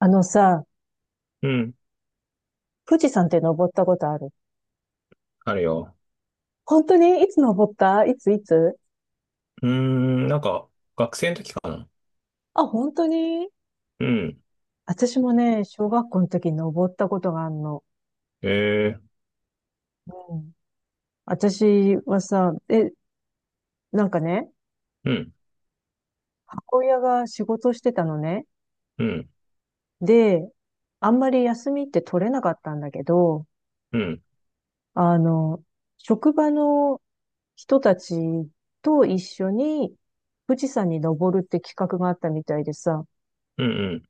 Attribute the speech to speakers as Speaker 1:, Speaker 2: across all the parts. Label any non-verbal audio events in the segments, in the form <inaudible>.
Speaker 1: あのさ、
Speaker 2: うん。
Speaker 1: 富士山って登ったことある？
Speaker 2: あるよ。
Speaker 1: 本当に？いつ登った？いついつ？
Speaker 2: うーん、なんか、学生の時かな。
Speaker 1: あ、本当に？
Speaker 2: うん。
Speaker 1: 私もね、小学校の時に登ったことがあるの。
Speaker 2: ええ、
Speaker 1: うん。私はさ、なんかね、
Speaker 2: うん、
Speaker 1: 母親が仕事してたのね。
Speaker 2: うん、
Speaker 1: で、あんまり休みって取れなかったんだけど、
Speaker 2: うん、
Speaker 1: あの、職場の人たちと一緒に富士山に登るって企画があったみたいでさ、
Speaker 2: うん、うん、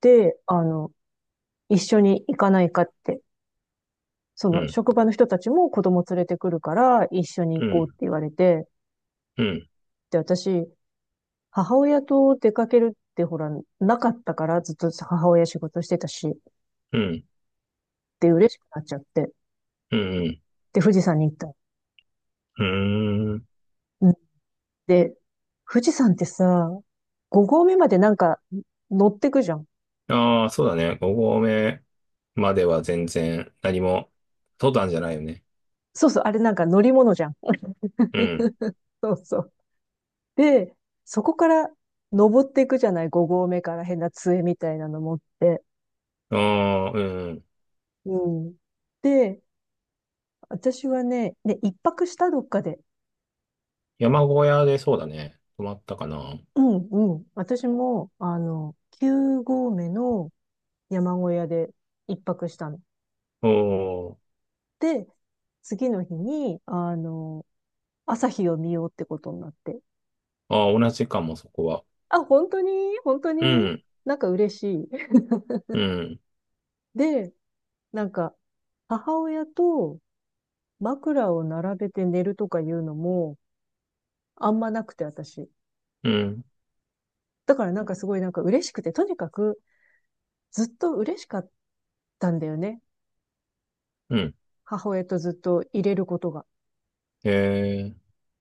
Speaker 1: で、一緒に行かないかって。そ
Speaker 2: う
Speaker 1: の
Speaker 2: ん、
Speaker 1: 職場の人たちも子供連れてくるから一緒に
Speaker 2: う
Speaker 1: 行
Speaker 2: ん、う
Speaker 1: こうっ
Speaker 2: ん、
Speaker 1: て言われて、
Speaker 2: うん、
Speaker 1: で、私、母親と出かけるってほら、なかったからずっと母親仕事してたし、
Speaker 2: う
Speaker 1: で、嬉しくなっちゃって、
Speaker 2: ん。
Speaker 1: で、富士山に行った。
Speaker 2: うーん。
Speaker 1: うん。で、富士山ってさ、5合目までなんか乗ってくじゃん。
Speaker 2: ああ、そうだね。5合目までは全然何も、登山じゃないよね。
Speaker 1: そうそう、あれなんか乗り物じゃん。
Speaker 2: うん。
Speaker 1: そうそう。で、そこから登っていくじゃない、5合目から変な杖みたいなの持って。
Speaker 2: ああ、うん。
Speaker 1: うん。で、私はね、で、一泊したどっかで。
Speaker 2: 山小屋でそうだね。泊まったかな。
Speaker 1: うんうん。私も、9合目の山小屋で一泊したの。
Speaker 2: おー。
Speaker 1: で、次の日に、朝日を見ようってことになって。
Speaker 2: ああ、同じかも、そこは。
Speaker 1: あ、本当に、本当
Speaker 2: う
Speaker 1: に？
Speaker 2: ん、
Speaker 1: なんか嬉しい。
Speaker 2: うん、
Speaker 1: <laughs> で、なんか、母親と枕を並べて寝るとかいうのも、あんまなくて、私。
Speaker 2: うん、
Speaker 1: だからなんかすごいなんか嬉しくて、とにかくずっと嬉しかったんだよね。
Speaker 2: うん。
Speaker 1: 母親とずっと入れることが。
Speaker 2: ええ、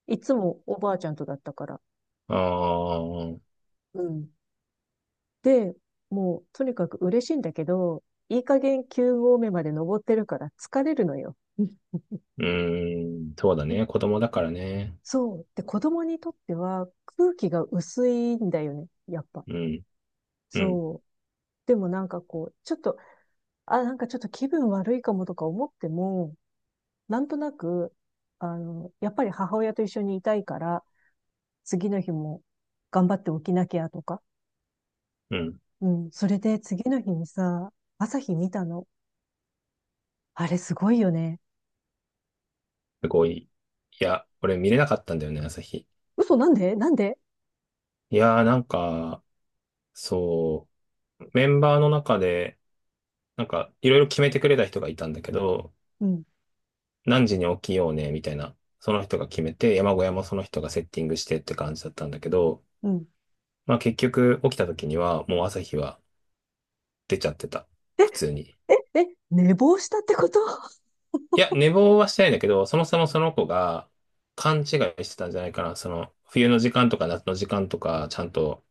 Speaker 1: いつもおばあちゃんとだったから。
Speaker 2: ああ。
Speaker 1: うん。で、もうとにかく嬉しいんだけど、いい加減9合目まで登ってるから疲れるのよ。
Speaker 2: うーん、そうだ
Speaker 1: え。
Speaker 2: ね。子供だからね。
Speaker 1: そう。で、子供にとっては空気が薄いんだよね。やっぱ。
Speaker 2: うん、うん、
Speaker 1: そう。でもなんかこう、ちょっと、あ、なんかちょっと気分悪いかもとか思っても、なんとなく、やっぱり母親と一緒にいたいから、次の日も頑張って起きなきゃとか、
Speaker 2: うん。
Speaker 1: うん。それで次の日にさ、朝日見たの。あれすごいよね。
Speaker 2: すごい。いや、俺見れなかったんだよね、朝日。
Speaker 1: 嘘、なんで？なんで？
Speaker 2: いやー、なんか、そう、メンバーの中で、なんか、いろいろ決めてくれた人がいたんだけど、
Speaker 1: うん。
Speaker 2: 何時に起きようね、みたいな。その人が決めて、山小屋もその人がセッティングしてって感じだったんだけど、
Speaker 1: うん。
Speaker 2: まあ結局起きた時には、もう朝日は出ちゃってた。普通に。
Speaker 1: え、え、寝坊したってこと？ <laughs>
Speaker 2: いや、寝坊はしてないんだけど、そもそもその子が勘違いしてたんじゃないかな。その、冬の時間とか夏の時間とか、ちゃんと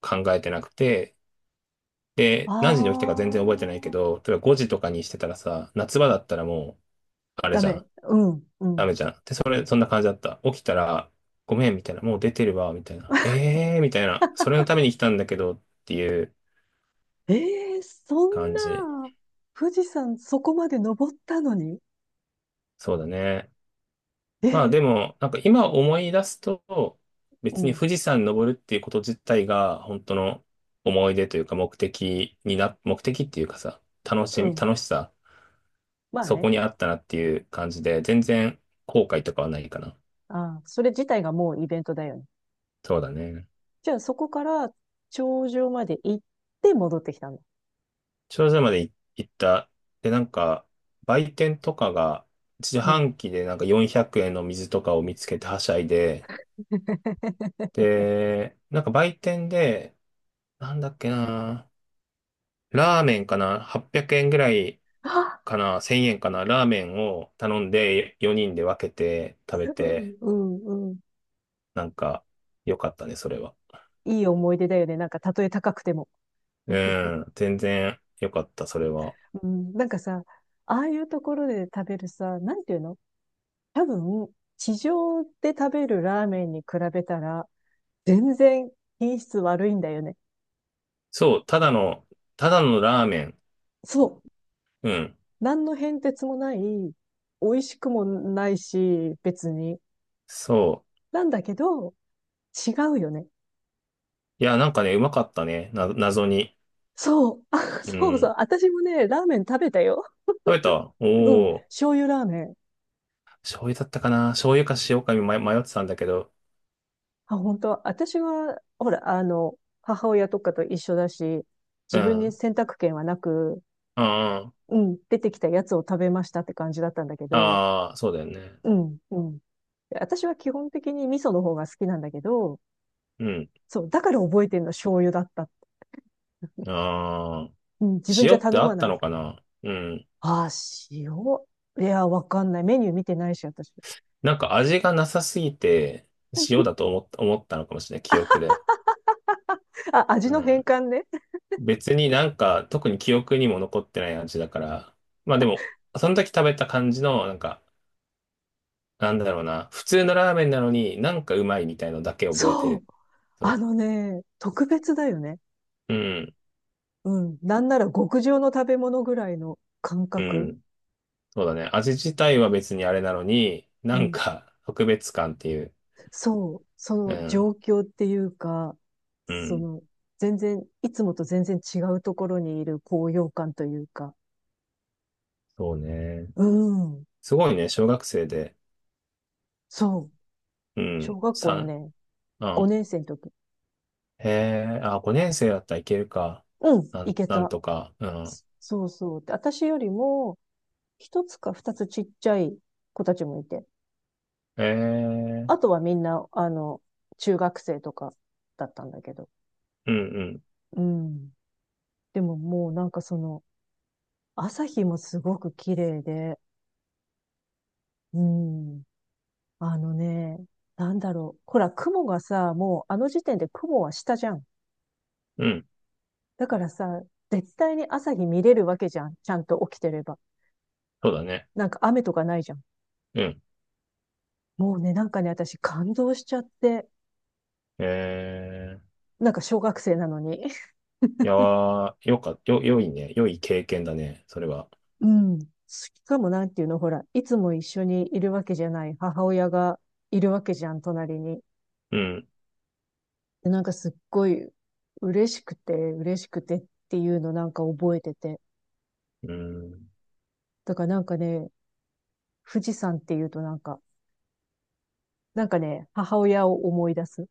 Speaker 2: 考えてなくて、で、
Speaker 1: あ
Speaker 2: 何時に起きたか全然覚えてないけど、例えば5時とかにしてたらさ、夏場だったらもう、
Speaker 1: あ、
Speaker 2: あれ
Speaker 1: ダ
Speaker 2: じゃ
Speaker 1: メ。
Speaker 2: ん、
Speaker 1: うん。う
Speaker 2: ダ
Speaker 1: ん。
Speaker 2: メじゃん。で、それ、そんな感じだった。起きたら、ごめん、みたいな、もう出てるわ、みたいな。ええー、みたいな。それのために来たんだけど、っていう
Speaker 1: えー、そん
Speaker 2: 感じ。
Speaker 1: な、富士山そこまで登ったのに、
Speaker 2: そうだね。
Speaker 1: え
Speaker 2: まあ
Speaker 1: ー、
Speaker 2: でも、なんか今思い出すと、
Speaker 1: う
Speaker 2: 別に
Speaker 1: ん。
Speaker 2: 富士山登るっていうこと自体が、本当の思い出というか目的っていうかさ、楽
Speaker 1: う
Speaker 2: しみ、
Speaker 1: ん。
Speaker 2: 楽しさ、
Speaker 1: まあ
Speaker 2: そこ
Speaker 1: ね。
Speaker 2: にあったなっていう感じで、全然後悔とかはないかな。
Speaker 1: あー、それ自体がもうイベントだよね。
Speaker 2: そうだね。
Speaker 1: じゃあそこから頂上まで行って戻ってきたの。
Speaker 2: 頂上まで行った。で、なんか、売店とかが、自
Speaker 1: うん。
Speaker 2: 販機でなんか400円の水とかを見つけてはしゃいで、
Speaker 1: <laughs>
Speaker 2: で、なんか売店で、なんだっけな、ラーメンかな？ 800 円ぐらい
Speaker 1: あ、
Speaker 2: かな？ 1000 円かな、ラーメンを頼んで4人で分けて食べ
Speaker 1: う
Speaker 2: て、
Speaker 1: ん、うん、うん。
Speaker 2: なんか良かったね、それは。
Speaker 1: いい思い出だよね。なんか、たとえ高くても。
Speaker 2: うん、全然良かった、それは。
Speaker 1: うん、なんかさ、ああいうところで食べるさ、なんていうの、多分、地上で食べるラーメンに比べたら、全然品質悪いんだよね。
Speaker 2: そう、ただのラーメン。
Speaker 1: そう。
Speaker 2: うん、
Speaker 1: 何の変哲もない、美味しくもないし、別に。
Speaker 2: そ
Speaker 1: なんだけど、違うよね。
Speaker 2: う。いや、なんかね、うまかったね、謎に。
Speaker 1: そう。<laughs> あ、
Speaker 2: う
Speaker 1: そうそう。
Speaker 2: ん。
Speaker 1: 私もね、ラーメン食べたよ。
Speaker 2: 食べた、
Speaker 1: うん。
Speaker 2: おおー、
Speaker 1: 醤油ラーメン。
Speaker 2: 醤油だったかな、醤油か塩か迷ってたんだけど。
Speaker 1: あ、本当？私は、ほら、母親とかと一緒だし、
Speaker 2: う
Speaker 1: 自分に
Speaker 2: ん。
Speaker 1: 選択権はなく、
Speaker 2: あ
Speaker 1: うん、出てきたやつを食べましたって感じだったんだけど、
Speaker 2: あ、ああ、そうだよね。
Speaker 1: うん、うん。私は基本的に味噌の方が好きなんだけど、
Speaker 2: うん。
Speaker 1: そう、だから覚えてるの醤油だった。
Speaker 2: ああ。
Speaker 1: うん、自分じ
Speaker 2: 塩
Speaker 1: ゃ
Speaker 2: って
Speaker 1: 頼
Speaker 2: あ
Speaker 1: ま
Speaker 2: っ
Speaker 1: な
Speaker 2: た
Speaker 1: い
Speaker 2: の
Speaker 1: か
Speaker 2: か
Speaker 1: ら。
Speaker 2: な、うん。
Speaker 1: ああ、塩。いや、わかんない。メニュー見てないし、私。
Speaker 2: なんか味がなさすぎて、塩だと思ったのかもしれない、記憶で。
Speaker 1: あ、味
Speaker 2: う
Speaker 1: の変
Speaker 2: ん。
Speaker 1: 換ね。
Speaker 2: 別になんか、特に記憶にも残ってない味だから。まあでも、その時食べた感じの、なんか、なんだろうな、普通のラーメンなのになんかうまいみたいのだけ覚えて
Speaker 1: そう。
Speaker 2: る。そ
Speaker 1: あのね、特別だよね。
Speaker 2: う。うん。
Speaker 1: うん。なんなら極上の食べ物ぐらいの感
Speaker 2: う
Speaker 1: 覚。
Speaker 2: ん。そうだね。味自体は別にあれなのに、
Speaker 1: う
Speaker 2: なん
Speaker 1: ん。
Speaker 2: か特別感っていう。
Speaker 1: そう、そ
Speaker 2: う
Speaker 1: の
Speaker 2: ん。
Speaker 1: 状況っていうか、
Speaker 2: う
Speaker 1: そ
Speaker 2: ん。
Speaker 1: の、全然、いつもと全然違うところにいる高揚感というか、
Speaker 2: そうね。
Speaker 1: うん、
Speaker 2: すごいね、小学生で。
Speaker 1: そう、
Speaker 2: うん。
Speaker 1: 小学校の
Speaker 2: さ、
Speaker 1: ね、
Speaker 2: うん。
Speaker 1: 5年生の時、
Speaker 2: へえ、あ、5年生だったらいけるか。
Speaker 1: うん、
Speaker 2: な
Speaker 1: 行
Speaker 2: ん、
Speaker 1: け
Speaker 2: なん
Speaker 1: た。
Speaker 2: とか。う
Speaker 1: そ
Speaker 2: ん。
Speaker 1: そうそう。で、私よりも、一つか二つちっちゃい子たちもいて、
Speaker 2: へえ、
Speaker 1: あとはみんな、中学生とかだったんだけど、
Speaker 2: うんうん。
Speaker 1: うん。でももうなんかその、朝日もすごく綺麗で、うん。あのね、なんだろう。ほら、雲がさ、もうあの時点で雲は下じゃん。
Speaker 2: うん。
Speaker 1: だからさ、絶対に朝日見れるわけじゃん。ちゃんと起きてれば。
Speaker 2: そうだね。
Speaker 1: なんか雨とかないじゃん。
Speaker 2: うん。
Speaker 1: もうね、なんかね、私感動しちゃって。
Speaker 2: へえ、
Speaker 1: なんか小学生なのに。<laughs>
Speaker 2: いやー、よか、よ、良いね。良い経験だね、それは。
Speaker 1: うん。しかもなんていうの、ほら、いつも一緒にいるわけじゃない母親がいるわけじゃん、隣に。
Speaker 2: うん。
Speaker 1: で、なんかすっごい嬉しくて、嬉しくてっていうのなんか覚えてて。
Speaker 2: うん。
Speaker 1: だからなんかね、富士山っていうとなんか、なんかね、母親を思い出す。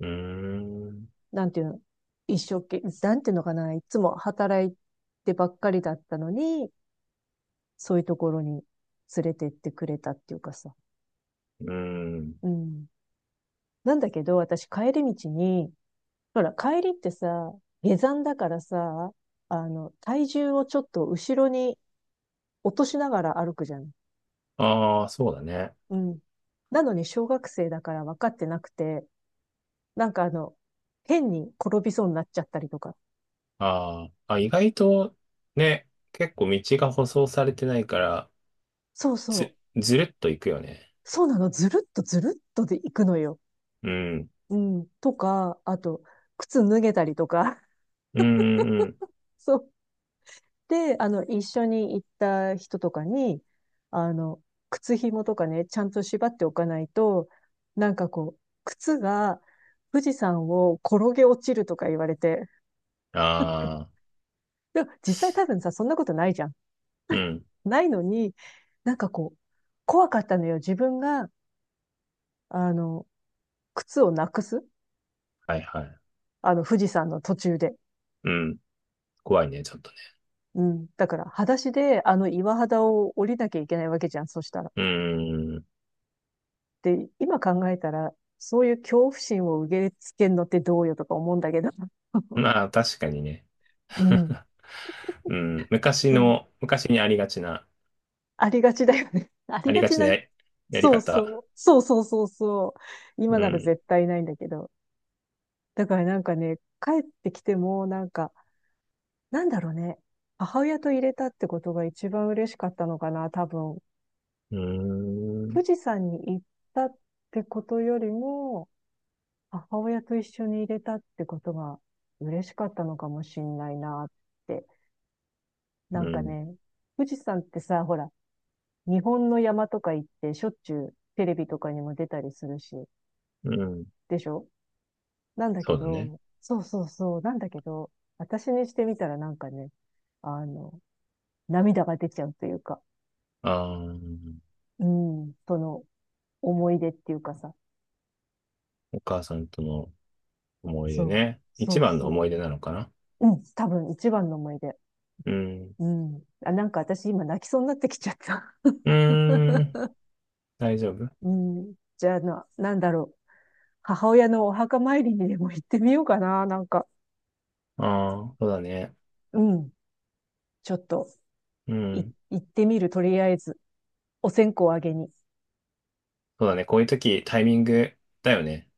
Speaker 2: うーん。
Speaker 1: なんていうの、一生懸命、なんていうのかな、いつも働いてばっかりだったのに、そういうところに連れてってくれたっていうかさ。
Speaker 2: うん。
Speaker 1: うん。なんだけど、私帰り道に、ほら、帰りってさ、下山だからさ、体重をちょっと後ろに落としながら歩くじゃん。
Speaker 2: ああ、そうだね。
Speaker 1: うん。なのに小学生だから分かってなくて、なんか変に転びそうになっちゃったりとか。
Speaker 2: ああ、あ、意外と、ね、結構道が舗装されてないから、
Speaker 1: そうそ
Speaker 2: ず、
Speaker 1: う。
Speaker 2: ずるっと行くよね。
Speaker 1: そうなの、ずるっとずるっとで行くのよ。うん。とか、あと、靴脱げたりとか。<laughs>
Speaker 2: うん、うん。うん、
Speaker 1: そう。で、一緒に行った人とかに、あの、靴紐とかね、ちゃんと縛っておかないと、なんかこう、靴が富士山を転げ落ちるとか言われて。
Speaker 2: ああ、
Speaker 1: でも実際多分さ、そんなことないじゃん。
Speaker 2: うん。
Speaker 1: ないのに、なんかこう、怖かったのよ。自分が、あの、靴をなくす。
Speaker 2: はいはい、
Speaker 1: 富士山の途中で。
Speaker 2: うん。怖いね、ちょっとね。
Speaker 1: うん。だから、裸足であの岩肌を降りなきゃいけないわけじゃん、そしたら。
Speaker 2: うーん。
Speaker 1: で、今考えたら、そういう恐怖心を受け付けるのってどうよとか思うんだけど。<laughs>
Speaker 2: まあ、確かにね。
Speaker 1: うん。
Speaker 2: <laughs> うん。昔
Speaker 1: そう。
Speaker 2: の、昔にありがちな、
Speaker 1: ありがちだよね。<laughs> あり
Speaker 2: あり
Speaker 1: が
Speaker 2: が
Speaker 1: ち
Speaker 2: ちな
Speaker 1: な、
Speaker 2: や、やり
Speaker 1: そう
Speaker 2: 方。
Speaker 1: そう。そうそうそうそう。
Speaker 2: う
Speaker 1: 今なら
Speaker 2: ん。
Speaker 1: 絶対ないんだけど。だからなんかね、帰ってきても、なんか、なんだろうね。母親と入れたってことが一番嬉しかったのかな、多分。
Speaker 2: うーん。
Speaker 1: 富士山に行ったってことよりも、母親と一緒に入れたってことが嬉しかったのかもしんないなって。な
Speaker 2: う
Speaker 1: んか
Speaker 2: ん。
Speaker 1: ね、富士山ってさ、ほら、日本の山とか行ってしょっちゅうテレビとかにも出たりするし、
Speaker 2: うん。
Speaker 1: でしょ？なんだ
Speaker 2: そ
Speaker 1: け
Speaker 2: うだね。
Speaker 1: ど、そうそうそう、なんだけど、私にしてみたらなんかね、あの、涙が出ちゃうというか、
Speaker 2: ああ、
Speaker 1: うん、その思い出っていうかさ、
Speaker 2: お母さんとの思い出
Speaker 1: そう、
Speaker 2: ね。
Speaker 1: そ
Speaker 2: 一
Speaker 1: う
Speaker 2: 番の思い
Speaker 1: そ
Speaker 2: 出なのかな。
Speaker 1: う、うん、多分一番の思い出。
Speaker 2: うん。
Speaker 1: うん。あ、なんか私今泣きそうになってきちゃった。
Speaker 2: うーん。大丈夫？
Speaker 1: うん。じゃあな、なんだろう。母親のお墓参りにでも行ってみようかな。なんか、
Speaker 2: ああー、そうだね。
Speaker 1: うん。ちょっと、
Speaker 2: う
Speaker 1: い、
Speaker 2: ん。
Speaker 1: 行ってみる。とりあえず、お線香をあげに。
Speaker 2: そうだね。こういう時、タイミングだよね。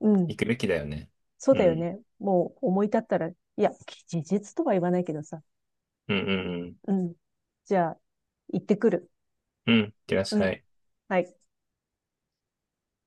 Speaker 1: うん。
Speaker 2: 行くべきだよね。
Speaker 1: そう
Speaker 2: う
Speaker 1: だよ
Speaker 2: ん。
Speaker 1: ね。もう思い立ったら、いや、事実とは言わないけどさ。
Speaker 2: うんうんうん。
Speaker 1: うん。じゃあ、行ってくる。
Speaker 2: うん、いってらっ
Speaker 1: う
Speaker 2: しゃ
Speaker 1: ん。
Speaker 2: い。
Speaker 1: はい。